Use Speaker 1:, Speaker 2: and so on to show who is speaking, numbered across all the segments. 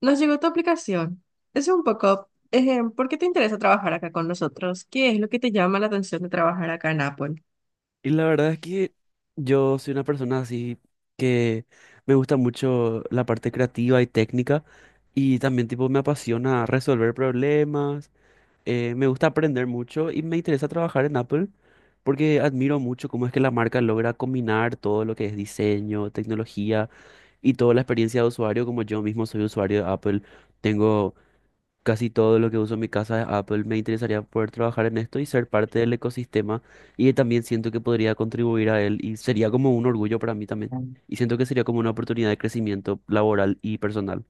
Speaker 1: Nos llegó tu aplicación. Es un poco, ¿por qué te interesa trabajar acá con nosotros? ¿Qué es lo que te llama la atención de trabajar acá en Apple?
Speaker 2: Y la verdad es que yo soy una persona así que me gusta mucho la parte creativa y técnica y también tipo me apasiona resolver problemas, me gusta aprender mucho y me interesa trabajar en Apple porque admiro mucho cómo es que la marca logra combinar todo lo que es diseño, tecnología y toda la experiencia de usuario, como yo mismo soy usuario de Apple, tengo casi todo lo que uso en mi casa de Apple. Me interesaría poder trabajar en esto y ser parte del ecosistema y también siento que podría contribuir a él y sería como un orgullo para mí también. Y siento que sería como una oportunidad de crecimiento laboral y personal.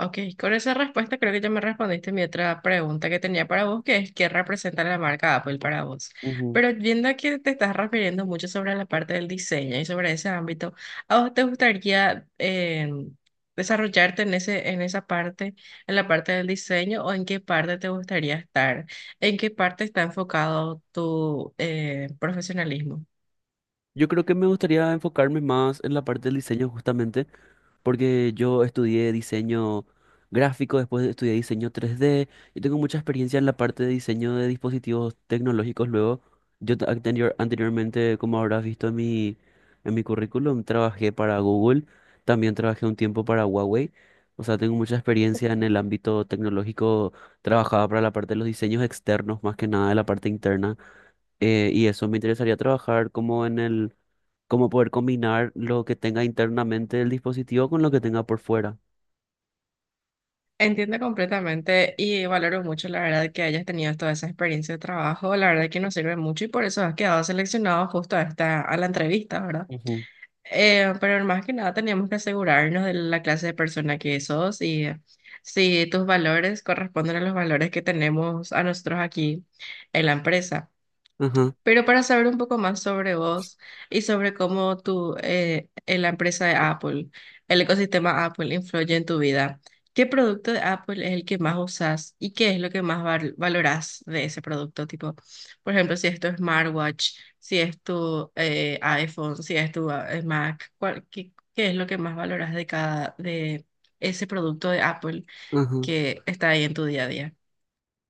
Speaker 1: Ok, con esa respuesta creo que ya me respondiste mi otra pregunta que tenía para vos, que es qué representa la marca Apple para vos.
Speaker 2: Ujú.
Speaker 1: Pero viendo que te estás refiriendo mucho sobre la parte del diseño y sobre ese ámbito, ¿a vos te gustaría desarrollarte en en esa parte, en la parte del diseño, o en qué parte te gustaría estar? ¿En qué parte está enfocado tu profesionalismo?
Speaker 2: Yo creo que me gustaría enfocarme más en la parte del diseño justamente porque yo estudié diseño gráfico, después estudié diseño 3D y tengo mucha experiencia en la parte de diseño de dispositivos tecnológicos. Luego, yo anteriormente, como habrás visto en en mi currículum, trabajé para Google, también trabajé un tiempo para Huawei. O sea, tengo mucha experiencia en el ámbito tecnológico, trabajaba para la parte de los diseños externos, más que nada de la parte interna. Y eso me interesaría trabajar como en el cómo poder combinar lo que tenga internamente el dispositivo con lo que tenga por fuera.
Speaker 1: Entiendo completamente y valoro mucho la verdad que hayas tenido toda esa experiencia de trabajo, la verdad que nos sirve mucho y por eso has quedado seleccionado justo a a la entrevista, ¿verdad?
Speaker 2: Ujú.
Speaker 1: Pero más que nada teníamos que asegurarnos de la clase de persona que sos y si tus valores corresponden a los valores que tenemos a nosotros aquí en la empresa.
Speaker 2: Ajá,
Speaker 1: Pero para saber un poco más sobre vos y sobre cómo en la empresa de Apple, el ecosistema Apple influye en tu vida, ¿qué producto de Apple es el que más usas y qué es lo que más valorás de ese producto? Tipo, por ejemplo, si es tu smartwatch, si es tu iPhone, si es tu Mac, qué es lo que más valoras de de ese producto de Apple
Speaker 2: ajá.
Speaker 1: que está ahí en tu día a día?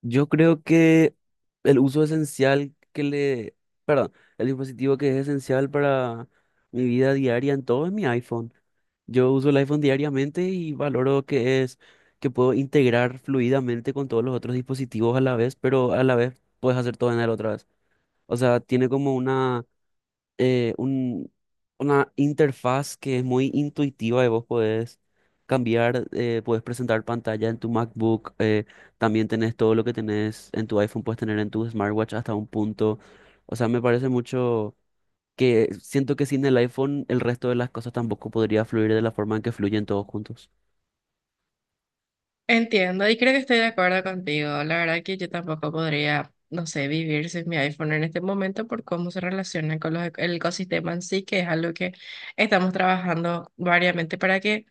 Speaker 2: Yo creo que el uso esencial que le, perdón, el dispositivo que es esencial para mi vida diaria en todo es mi iPhone. Yo uso el iPhone diariamente y valoro que puedo integrar fluidamente con todos los otros dispositivos a la vez, pero a la vez puedes hacer todo en él otra vez. O sea, tiene como eh, un- una interfaz que es muy intuitiva y vos podés cambiar, podés presentar pantalla en tu MacBook, también tenés todo lo que tenés en tu iPhone, puedes tener en tu smartwatch hasta un punto. O sea, me parece mucho que siento que sin el iPhone el resto de las cosas tampoco podría fluir de la forma en que fluyen todos juntos.
Speaker 1: Entiendo y creo que estoy de acuerdo contigo. La verdad que yo tampoco podría, no sé, vivir sin mi iPhone en este momento por cómo se relaciona con el ecosistema en sí, que es algo que estamos trabajando variamente para que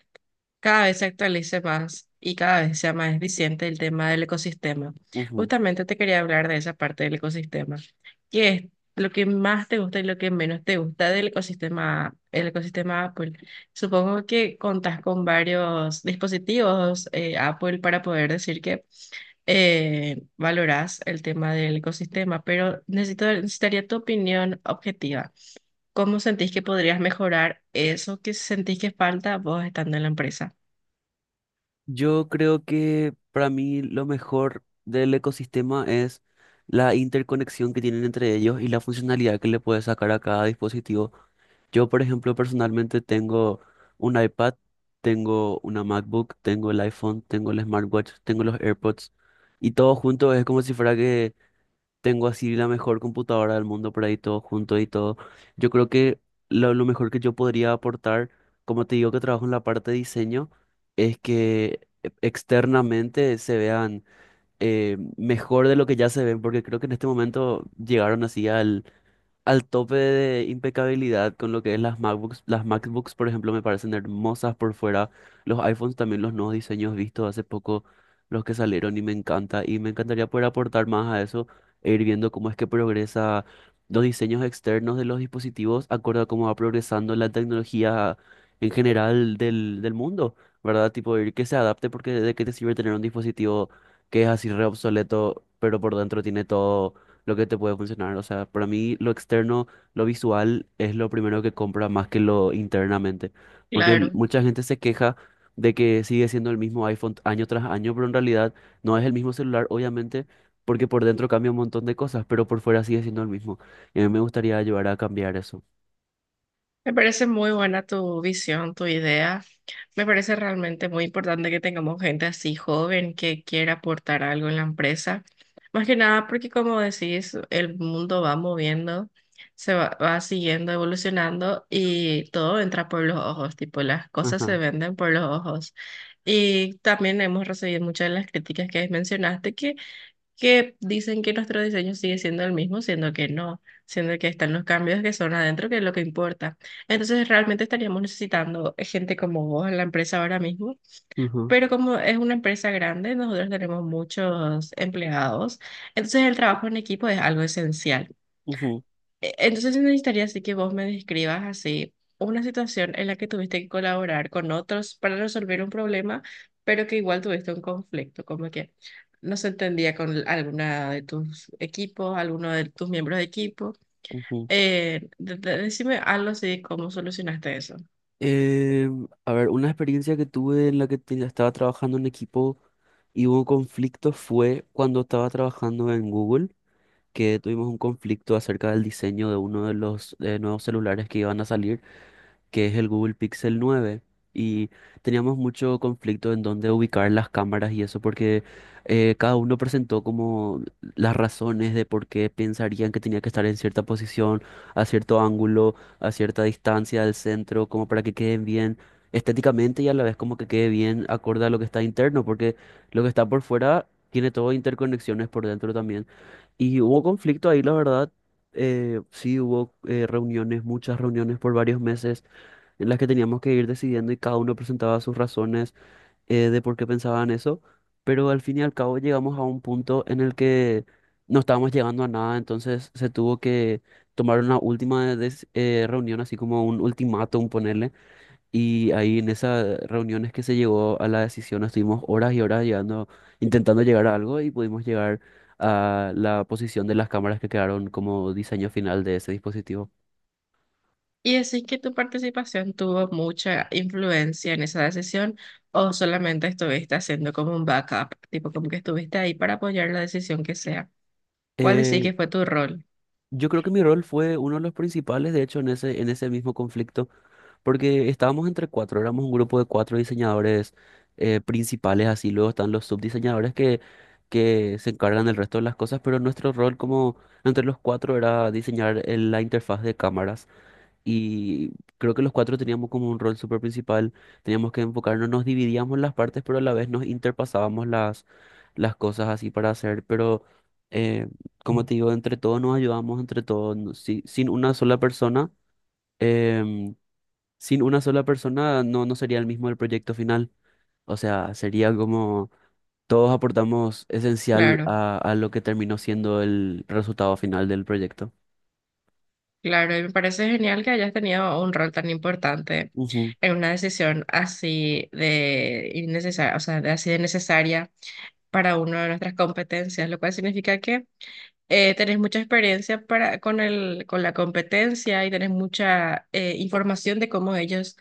Speaker 1: cada vez se actualice más y cada vez sea más eficiente el tema del ecosistema.
Speaker 2: Ujú.
Speaker 1: Justamente te quería hablar de esa parte del ecosistema. ¿Qué es lo que más te gusta y lo que menos te gusta del ecosistema, el ecosistema Apple? Supongo que contás con varios dispositivos Apple para poder decir que valorás el tema del ecosistema, pero necesitaría tu opinión objetiva. ¿Cómo sentís que podrías mejorar eso que sentís que falta vos estando en la empresa?
Speaker 2: Yo creo que para mí lo mejor del ecosistema es la interconexión que tienen entre ellos y la funcionalidad que le puedes sacar a cada dispositivo. Yo, por ejemplo, personalmente tengo un iPad, tengo una MacBook, tengo el iPhone, tengo el smartwatch, tengo los AirPods y todo junto es como si fuera que tengo así la mejor computadora del mundo por ahí todo junto y todo. Yo creo que lo mejor que yo podría aportar, como te digo que trabajo en la parte de diseño, es que externamente se vean mejor de lo que ya se ven, porque creo que en este momento llegaron así al tope de impecabilidad con lo que es las MacBooks. Las MacBooks, por ejemplo, me parecen hermosas por fuera. Los iPhones también, los nuevos diseños vistos hace poco, los que salieron, y me encanta. Y me encantaría poder aportar más a eso e ir viendo cómo es que progresa los diseños externos de los dispositivos, acorde a cómo va progresando la tecnología en general del mundo, ¿verdad? Tipo, ir que se adapte porque de qué te sirve tener un dispositivo que es así re obsoleto, pero por dentro tiene todo lo que te puede funcionar. O sea, para mí lo externo, lo visual es lo primero que compra más que lo internamente. Porque
Speaker 1: Claro,
Speaker 2: mucha gente se queja de que sigue siendo el mismo iPhone año tras año, pero en realidad no es el mismo celular, obviamente, porque por dentro cambia un montón de cosas, pero por fuera sigue siendo el mismo. Y a mí me gustaría ayudar a cambiar eso.
Speaker 1: me parece muy buena tu visión, tu idea. Me parece realmente muy importante que tengamos gente así joven que quiera aportar algo en la empresa. Más que nada porque como decís, el mundo va moviendo, va siguiendo evolucionando y todo entra por los ojos, tipo las cosas se
Speaker 2: Ajá.
Speaker 1: venden por los ojos. Y también hemos recibido muchas de las críticas que mencionaste, que dicen que nuestro diseño sigue siendo el mismo, siendo que no, siendo que están los cambios que son adentro, que es lo que importa. Entonces, realmente estaríamos necesitando gente como vos en la empresa ahora mismo,
Speaker 2: Ujú,
Speaker 1: pero como es una empresa grande, nosotros tenemos muchos empleados, entonces el trabajo en equipo es algo esencial.
Speaker 2: ujú,
Speaker 1: Entonces necesitaría así que vos me describas así una situación en la que tuviste que colaborar con otros para resolver un problema, pero que igual tuviste un conflicto, como que no se entendía con alguna de tus equipos, alguno de tus miembros de equipo.
Speaker 2: ujú.
Speaker 1: Decime algo así, de ¿cómo solucionaste eso?
Speaker 2: Eh, a ver, una experiencia que tuve en la que estaba trabajando en equipo y hubo conflicto fue cuando estaba trabajando en Google, que tuvimos un conflicto acerca del diseño de uno de los nuevos celulares que iban a salir, que es el Google Pixel 9. Y teníamos mucho conflicto en dónde ubicar las cámaras y eso, porque cada uno presentó como las razones de por qué pensarían que tenía que estar en cierta posición, a cierto ángulo, a cierta distancia del centro, como para que queden bien estéticamente y a la vez como que quede bien acorde a lo que está interno, porque lo que está por fuera tiene todo interconexiones por dentro también. Y hubo conflicto ahí, la verdad. Sí, hubo reuniones, muchas reuniones por varios meses en las que teníamos que ir decidiendo y cada uno presentaba sus razones de por qué pensaban eso, pero al fin y al cabo llegamos a un punto en el que no estábamos llegando a nada, entonces se tuvo que tomar una última reunión, así como un ultimátum ponerle, y ahí en esas reuniones que se llegó a la decisión, estuvimos horas y horas llegando, intentando llegar a algo y pudimos llegar a la posición de las cámaras que quedaron como diseño final de ese dispositivo.
Speaker 1: ¿Y decís que tu participación tuvo mucha influencia en esa decisión o solamente estuviste haciendo como un backup, tipo como que estuviste ahí para apoyar la decisión que sea? ¿Cuál
Speaker 2: Eh,
Speaker 1: decís que fue tu rol?
Speaker 2: Yo creo que mi rol fue uno de los principales, de hecho, en ese mismo conflicto, porque estábamos entre cuatro, éramos un grupo de cuatro diseñadores principales, así luego están los subdiseñadores que se encargan del resto de las cosas, pero nuestro rol como entre los cuatro era diseñar la interfaz de cámaras. Y creo que los cuatro teníamos como un rol súper principal, teníamos que enfocarnos, nos dividíamos las partes, pero a la vez nos interpasábamos las cosas así para hacer, pero eh, como te digo, entre todos nos ayudamos, entre todos, sin una sola persona, em, sin una sola persona no sería el mismo el proyecto final, o sea, sería como todos aportamos esencial
Speaker 1: Claro,
Speaker 2: a lo que terminó siendo el resultado final del proyecto.
Speaker 1: claro, y me parece genial que hayas tenido un rol tan importante
Speaker 2: Ujú,
Speaker 1: en una decisión así de innecesaria, o sea, de así de necesaria para una de nuestras competencias, lo cual significa que tenés mucha experiencia con la competencia y tenés mucha información de cómo ellos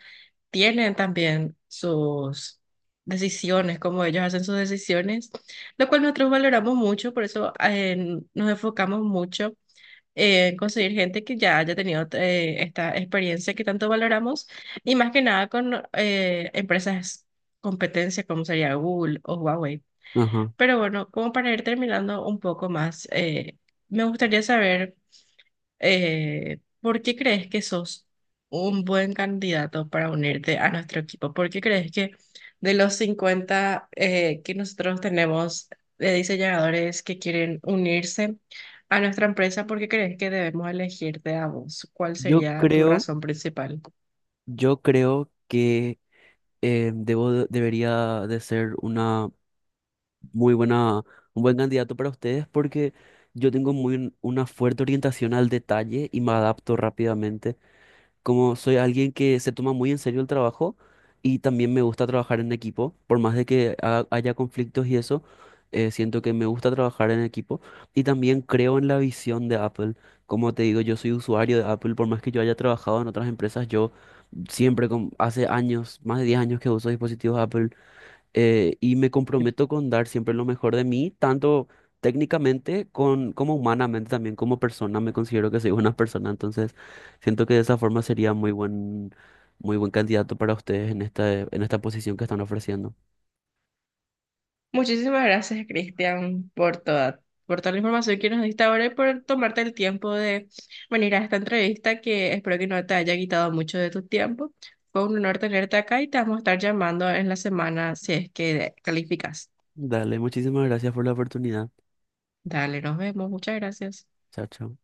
Speaker 1: tienen también sus decisiones, cómo ellos hacen sus decisiones, lo cual nosotros valoramos mucho, por eso nos enfocamos mucho conseguir gente que ya haya tenido esta experiencia que tanto valoramos y más que nada con empresas competencia como sería Google o Huawei.
Speaker 2: ajá.
Speaker 1: Pero bueno, como para ir terminando un poco más, me gustaría saber... ¿Por qué crees que sos un buen candidato para unirte a nuestro equipo? ¿Por qué crees que de los 50 que nosotros tenemos de diseñadores que quieren unirse a nuestra empresa, por qué crees que debemos elegirte a vos? ¿Cuál
Speaker 2: Yo
Speaker 1: sería tu
Speaker 2: creo...
Speaker 1: razón principal?
Speaker 2: Yo creo que debería de ser una muy buena, un buen candidato para ustedes porque yo tengo una fuerte orientación al detalle y me adapto rápidamente, como soy alguien que se toma muy en serio el trabajo y también me gusta trabajar en equipo, por más de que haya conflictos y eso. Siento que me gusta trabajar en equipo y también creo en la visión de Apple. Como te digo, yo soy usuario de Apple, por más que yo haya trabajado en otras empresas, yo siempre, hace años, más de 10 años que uso dispositivos Apple y me comprometo con dar siempre lo mejor de mí, tanto técnicamente como humanamente también como persona. Me considero que soy una persona, entonces siento que de esa forma sería muy buen candidato para ustedes en esta posición que están ofreciendo.
Speaker 1: Muchísimas gracias, Cristian, por toda la información que nos diste ahora y por tomarte el tiempo de venir a esta entrevista que espero que no te haya quitado mucho de tu tiempo. Fue un honor tenerte acá y te vamos a estar llamando en la semana si es que calificas.
Speaker 2: Dale, muchísimas gracias por la oportunidad.
Speaker 1: Dale, nos vemos. Muchas gracias.
Speaker 2: Chao, chao.